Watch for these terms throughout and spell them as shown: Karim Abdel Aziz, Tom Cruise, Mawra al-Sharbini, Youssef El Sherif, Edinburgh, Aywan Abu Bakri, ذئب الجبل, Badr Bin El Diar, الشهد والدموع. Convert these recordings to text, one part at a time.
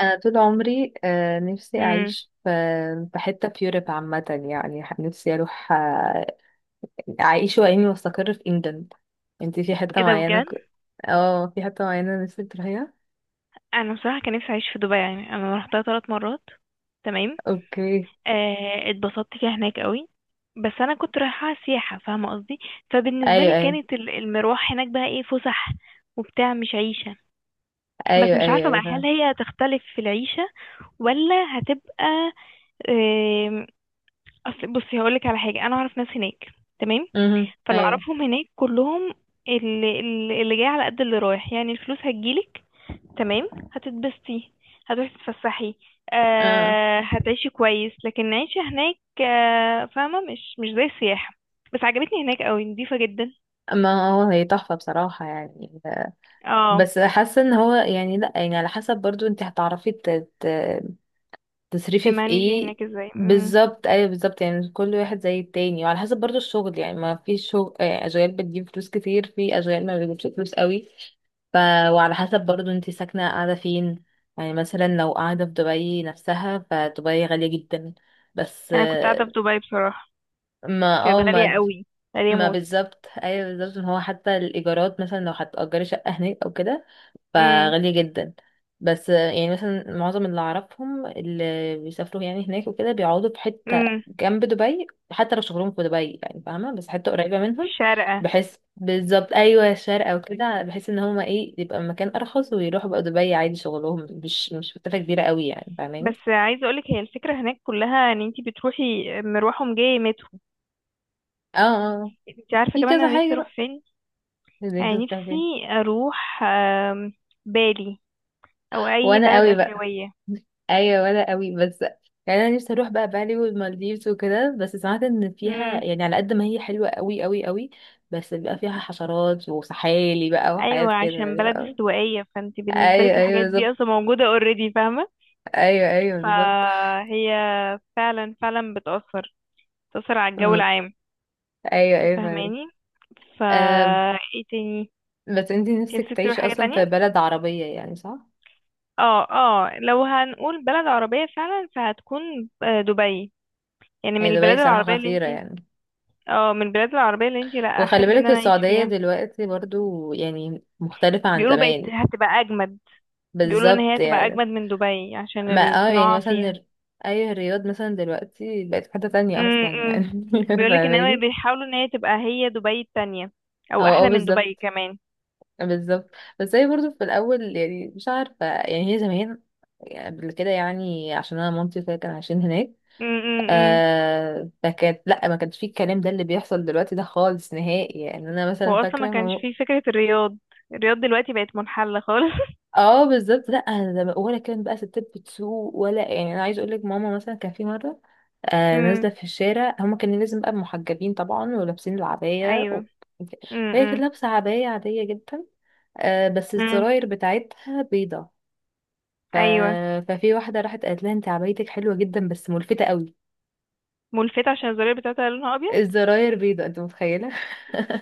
انا طول عمري نفسي امم اعيش في حته في يوروب عامه. يعني نفسي اروح، اعيش واني واستقر في انجلند. انتي في حته ايه ده معينه بجد؟ اه، في حته معينه نفسك تروحيها. انا بصراحه كان نفسي اعيش في دبي، يعني انا رحتها 3 مرات. تمام. اوكي، آه، اتبسطت فيها هناك قوي، بس انا كنت رايحه سياحه، فاهمه قصدي. فبالنسبه ايوه لي ايوه كانت المروح هناك بقى ايه، فسح وبتاع، مش عيشه. بس ايوه مش ايوه عارفه ايوه، بقى هل فاهمة. هي هتختلف في العيشه ولا هتبقى، آه. أصل بصي هقولك على حاجه، انا اعرف ناس هناك. تمام. مهم. فاللي ايوه. اعرفهم هناك كلهم اللي جاي على قد اللي رايح، يعني الفلوس هتجيلك. تمام، هتتبسطي، هتروحي تتفسحي، اه، آه هتعيشي كويس، لكن العيشة هناك آه فاهمة مش زي السياحة. بس عجبتني هناك قوي، نضيفة جدا. ما هو هي تحفه بصراحه يعني. اه. بس حاسه ان هو يعني، لا، يعني على حسب برضو انت هتعرفي ت... تصريفي في تمانجي ايه. هناك ازاي، بالظبط، ايوه بالظبط، يعني كل واحد زي التاني، وعلى حسب برضو الشغل، يعني ما في شغل، اشغال بتجيب فلوس كتير، في اشغال ما بتجيبش فلوس قوي. ف وعلى حسب برضو انت ساكنه قاعده فين، يعني مثلا لو قاعده في دبي نفسها، فدبي غاليه جدا، بس. انا كنت قاعدة في دبي بصراحة، ما كانت اه غالية ما قوي، غالية ما موت. بالظبط، ايوه بالظبط، ان هو حتى الايجارات مثلا لو هتأجري شقه هناك او كده امم. فغالية جدا. بس آه، يعني مثلا معظم اللي أعرفهم اللي بيسافروا يعني هناك وكده بيقعدوا في حتة امم. جنب دبي حتى لو شغلهم في دبي، يعني فاهمة، بس حتة قريبة منهم. شارقة. بحيث بالظبط، أيوة، شارقة وكده، بحيث إن هما إيه، يبقى مكان أرخص ويروحوا بقى دبي عادي، شغلهم مش مسافة كبيرة قوي، يعني فاهماني. بس عايزة اقولك هي الفكرة هناك كلها ان انتي بتروحي مروح ومجاية مترو. اه، اه، آه. انتي عارفة في كمان كذا انا نفسي حاجة بقى، اروح فين؟ زي انت يعني بتروح فين. نفسي اروح بالي، او اي وأنا بلد قوي بقى، اسيوية. ايوه، ولا قوي، بس يعني انا نفسي اروح بقى بالي والمالديفز وكده، بس سمعت ان امم. فيها، يعني على قد ما هي حلوه قوي قوي قوي، بس بيبقى فيها حشرات وسحالي بقى وحاجات ايوه، كده عشان بلد يعني. استوائيه، فانت بالنسبه ايوه لك ايوه الحاجات دي بالظبط. اصلا موجوده اوريدي، فاهمه. ايوه ايوه بالظبط. فهي فعلا فعلا بتاثر، على الجو أم، العام، ايوه ايوه فاهمك. فاهماني. فا أم، ايه تاني؟ بس انتي انت نفسك نفسك تروح تعيشي حاجه اصلا تانية؟ في بلد عربيه، يعني صح؟ اه اه، لو هنقول بلد عربيه فعلا فهتكون دبي. يعني من هي البلاد دبي صراحه العربيه اللي انت، خطيره يعني. اه، من البلاد العربيه اللي انت لا وخلي احب ان بالك انا اعيش السعوديه فيها. دلوقتي برضو يعني مختلفه عن بيقولوا بقت زمان. هتبقى اجمد. بيقولوا ان هي بالظبط هتبقى يعني. اجمد من دبي ما عشان اه يعني الصناعه مثلا فيها. اي، الرياض مثلا دلوقتي بقت في حتة تانية اصلا امم. يعني. بيقولك ان هي فاهماني. بيحاولوا ان هي تبقى هي دبي التانية، هو او احلى من دبي بالظبط، كمان. بالظبط. بس هي برضه في الاول، يعني مش عارفة، يعني هي زمان قبل كده، يعني عشان انا مامتي وكده كانوا عايشين هناك. م -م -م. فكانت، لا، ما كانش فيه الكلام ده اللي بيحصل دلوقتي ده خالص نهائي. يعني انا هو مثلا اصلا ما فاكرة كانش ما. فيه فكرة الرياض. الرياض دلوقتي بقت منحلة خالص. اه بالظبط، لا، أنا ولا كان بقى ستات بتسوق، ولا، يعني انا عايز اقول لك ماما مثلا كان في مرة امم. نازلة في الشارع، هما كانوا لازم بقى محجبين طبعا ولابسين العباية ايوه. فهي كانت امم. لابسة عباية عادية جدا، بس امم. الزراير بتاعتها بيضة. ف... ايوه، ففي واحدة راحت قالت لها انت عبايتك حلوة جدا بس ملفتة قوي. ملفتة عشان الزرار بتاعتها لونها ابيض. الزراير بيضة، انت متخيلة؟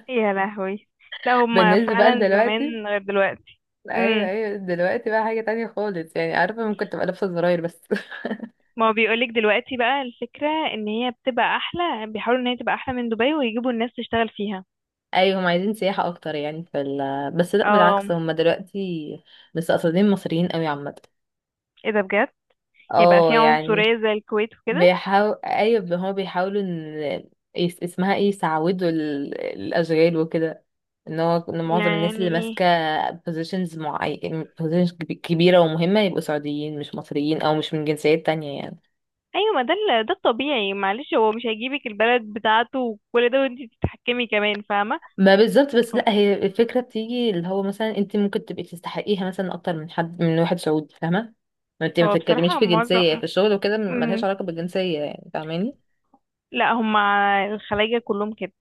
يا لهوي، لا هما بالنسبة بقى فعلا لدلوقتي، زمان غير دلوقتي. ايوه امم. ايوه دلوقتي بقى حاجة تانية خالص، يعني عارفة ممكن تبقى لابسة زراير بس. ما هو بيقولك دلوقتي بقى الفكرة ان هي بتبقى احلى، بيحاولوا ان هي تبقى احلى من دبي ويجيبوا الناس تشتغل فيها. ايوه هم عايزين سياحة اكتر يعني في بس لا، اه. بالعكس، هم دلوقتي مستقصدين مصريين قوي عامة. ايه ده بجد؟ يبقى اه فيها يعني عنصرية زي الكويت وكده؟ بيحاول. ايوه هما بيحاولوا ان اسمها ايه، يسعودوا الاشغال وكده. ان هو ان معظم الناس يعني اللي ايه؟ ماسكه بوزيشنز معين، بوزيشنز كبيره ومهمه يبقوا سعوديين، مش مصريين او مش من جنسيات تانية يعني. ايوه، ما ده ده الطبيعي، معلش، هو مش هيجيبك البلد بتاعته وكل ده وانتي تتحكمي كمان، فاهمه. ما بالظبط. بس هم. لا، هي الفكره بتيجي اللي هو مثلا انت ممكن تبقي تستحقيها مثلا اكتر من حد، من واحد سعودي، فاهمه. ما انت ما هو بتتكلميش بصراحه في جنسيه معظم، في الشغل وكده، ملهاش مم. علاقه بالجنسيه يعني، فاهماني. لا، هم الخلايجه كلهم كده.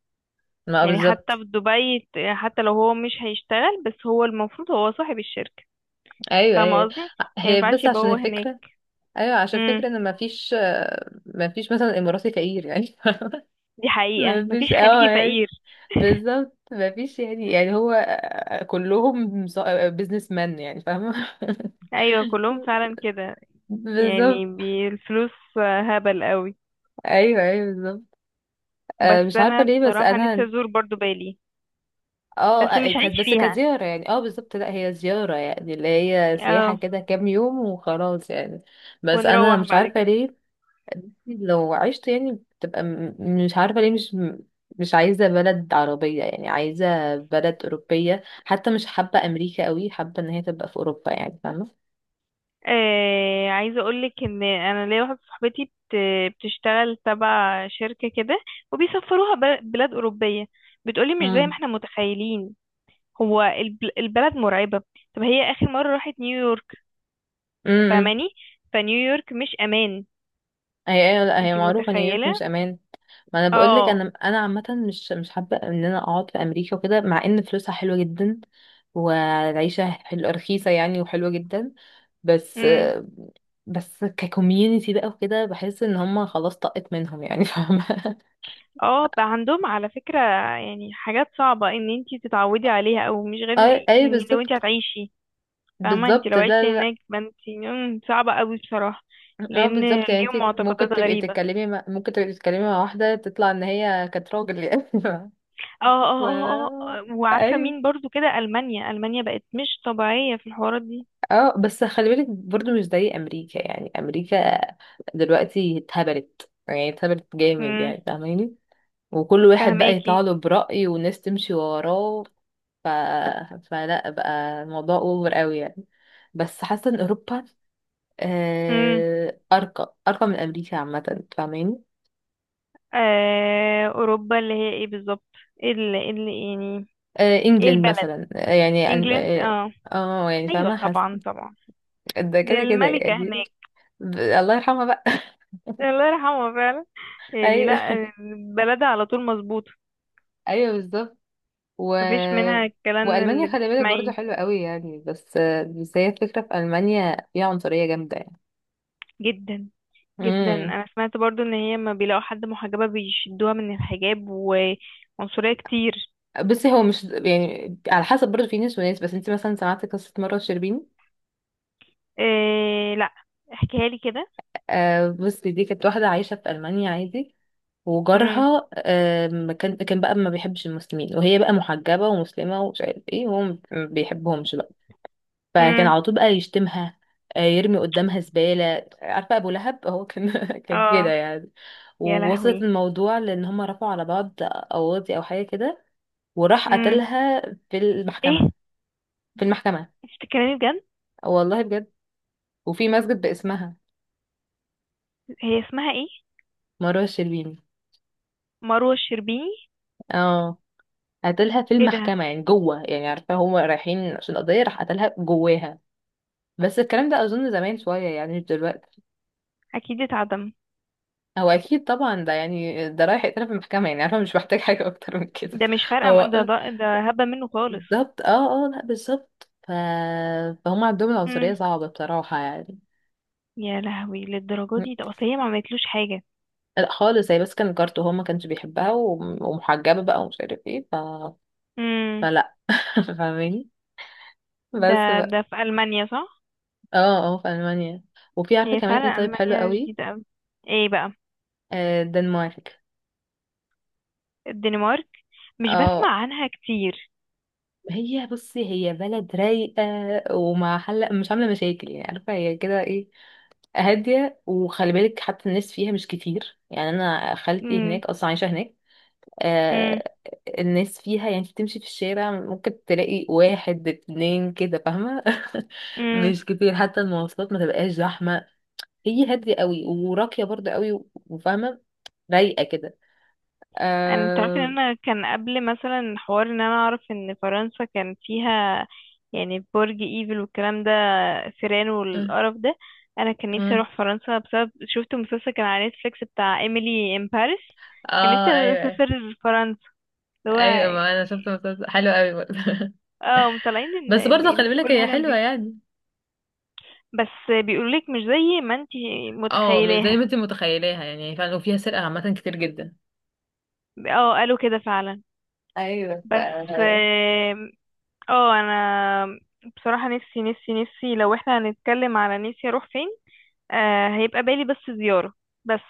ما يعني حتى بالظبط، في دبي حتى لو هو مش هيشتغل، بس هو المفروض هو صاحب الشركه، ايوه فاهمه ايوه. قصدي، ما هي ينفعش بس يبقى عشان هو هناك. الفكرة، ايوه عشان امم. فكرة ان مفيش، مفيش مثلا اماراتي فقير يعني. دي حقيقه، مفيش مفيش، اه، خليجي يعني فقير. بالظبط، مفيش يعني، يعني هو، كلهم بيزنس مان يعني، فاهمة. ايوه كلهم فعلا كده، يعني بالظبط، الفلوس هبل قوي. ايوه ايوه بالظبط. بس مش عارفة انا ليه، بس بصراحه نفسي انا. ازور برضو بالي، اه بس مش كانت هعيش بس فيها، كزيارة يعني، اه بالظبط، لا هي زيارة يعني اللي هي سياحة اه، كده كام يوم وخلاص يعني. بس انا ونروح مش بعد عارفة كده. ليه لو عشت يعني، بتبقى مش عارفة ليه، مش مش عايزة بلد عربية يعني، عايزة بلد أوروبية، حتى مش حابة أمريكا قوي، حابة إن هي تبقى في أوروبا يعني، فاهة. آه، عايزه اقولك ان انا ليا واحده صاحبتي بتشتغل تبع شركه كده، وبيسفروها بلاد اوروبيه. بتقولي مش زي ما امم. احنا متخيلين، هو البلد مرعبه. طب هي اخر مره راحت نيويورك، امم. فاهماني، فنيويورك مش امان. هي هي لا، هي انتي معروفة نيويورك متخيله؟ مش أمان. ما أنا بقول لك، اه. أنا عامة مش حابة إن أنا أقعد في أمريكا وكده، مع إن فلوسها حلوة جدا والعيشة حلوة رخيصة يعني وحلوة جدا، بس. امم. بس ككوميونيتي بقى وكده بحس إن هما خلاص طقت منهم يعني. فاهمة. اه، بقى عندهم على فكره يعني حاجات صعبه ان انتي تتعودي عليها او مش غير، اي اي يعني لو انتي بالظبط. هتعيشي، فاهمة، انت بالظبط، لو لا لا عشتي لا. هناك، ما انت صعبة قوي بصراحة، اه لان بالظبط، يعني ليهم انت معتقدات ممكن تبقي غريبة. تتكلمي ممكن تبقي تتكلمي مع واحدة تطلع ان هي كانت راجل يعني. اه ف اه اه اه، وعارفة اي، مين برضو كده، ألمانيا ألمانيا بقت مش طبيعية في الحوارات دي. اه بس خلي بالك برضو مش زي امريكا يعني، امريكا دلوقتي اتهبلت يعني اتهبلت جامد امم. يعني فاهماني. وكل واحد بقى يطلع فهماكي. له برأي والناس تمشي وراه. ف... فلا بقى الموضوع اوفر قوي يعني. بس حاسة ان اوروبا امم. أرقى، أرقى من أمريكا عامة، فاهماني. آه، أوروبا اللي هي ايه بالظبط؟ يعني ايه إنجلند البلد؟ مثلا، يعني انجلند، اه. اه. يعني، ايوه فاهمة، حاسة طبعا طبعا. ده دي كده كده الملكة يعني. هناك. الله يرحمها بقى. الله يرحمها فعلا. يعني أيوه، لا، بلدها على طول مظبوطة، أيوه بالظبط. و... مفيش منها الكلام اللي وألمانيا خلي بالك برضه بتسمعيه. حلوة قوي يعني، بس هي الفكرة في ألمانيا فيها عنصرية جامدة يعني. جدا. جدا. امم. انا سمعت برضو ان هي لما بيلاقوا حد محجبة بيشدوها من الحجاب، وعنصرية كتير. بصي هو مش يعني على حسب برضه، في ناس وناس، بس انت مثلا سمعت قصة مرة شربيني؟ إيه؟ لا، احكيها لي كده. بصي، دي كانت واحدة عايشة في ألمانيا عادي، امم. وجارها كان بقى ما بيحبش المسلمين، وهي بقى محجبة ومسلمة ومش عارف ايه، وهو ما بيحبهمش بقى. فكان امم. على طول بقى يشتمها، يرمي قدامها زبالة، عارفة؟ أبو لهب هو كان، كان كده اه. يعني. يا ووصلت لهوي. الموضوع لأن هما رفعوا على بعض قواضي أو حاجة كده، وراح امم. قتلها في المحكمة. ايه؟ في المحكمة، انت بتتكلمي بجد؟ والله بجد. وفي مسجد باسمها، هي اسمها ايه؟ مروة الشربيني. مروة الشربيني. اه، قتلها في ايه ده؟ المحكمة، يعني جوه، يعني عارفة هما رايحين عشان قضية، راح قتلها جواها. بس الكلام ده اظن زمان شويه يعني، مش دلوقتي. اكيد اتعدم. هو اكيد طبعا، ده يعني، ده رايح يتقال في المحكمه يعني، انا مش محتاج حاجه اكتر من كده. ده مش فارقة هو ده هبة منه خالص. بالظبط، اه اه، لا بالظبط فهم عندهم العنصريه امم. صعبه بصراحه يعني. يا لهوي، للدرجة دي؟ ده اصل هي ما عملتلوش حاجة. لا خالص، هي بس كان كارت، وهو ما كانش بيحبها، ومحجبه بقى ومش عارف ايه امم. فلا. فاهماني. ده بس بقى. ده في ألمانيا صح؟ اه اه في المانيا، وفي عارفه هي كمان ايه، فعلا طيب حلو ألمانيا قوي. جديدة أوي. ايه بقى؟ الدنمارك. الدنمارك، مش بسمع اه، عنها كتير. هي بصي، هي بلد رايقة وما حل، مش عاملة مشاكل يعني، عارفة هي كده ايه، هادية. وخلي بالك حتى الناس فيها مش كتير، يعني أنا خالتي امم. هناك أصلا، عايشة هناك. امم. آه الناس فيها يعني، تمشي في الشارع ممكن تلاقي واحد اتنين كده، فاهمة. امم. مش كتير، حتى المواصلات ما تبقاش زحمة، هي هادية قوي وراقية برضه قوي، وفاهمة، رايقة كده. انا تعرفي ان آه. انا كان قبل مثلا حوار ان انا اعرف ان فرنسا كان فيها يعني برج ايفل والكلام ده، فيران آه. والقرف ده. انا كان نفسي آه. اروح فرنسا بسبب شفت مسلسل كان على نتفليكس بتاع ايميلي ان باريس. كان اه، نفسي ايوه اسافر فرنسا اللي هو، ايوه، ما انا شفت مسلسل حلو قوي برضه. اه، مطلعين ان بس برضه خلي بالك كل هي حاجه حلوة نضيفه، يعني، بس بيقولولك مش زي ما انتي اه مش زي متخيلاها. ما انت متخيلاها يعني فعلا، وفيها سرقة عامة كتير جدا. اه قالوا كده فعلا. ايوه بس، اه، انا بصراحة نفسي نفسي نفسي لو احنا هنتكلم على نفسي اروح فين، آه هيبقى بالي بس زيارة. بس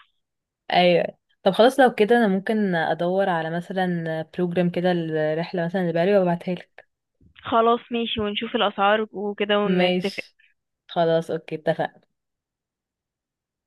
ايوه. طب خلاص لو كده انا ممكن ادور على مثلا بروجرام كده الرحله مثلا اللي بالي وابعتها لك. خلاص ماشي، ونشوف الاسعار وكده ونتفق. ماشي. خلاص اوكي اتفقنا.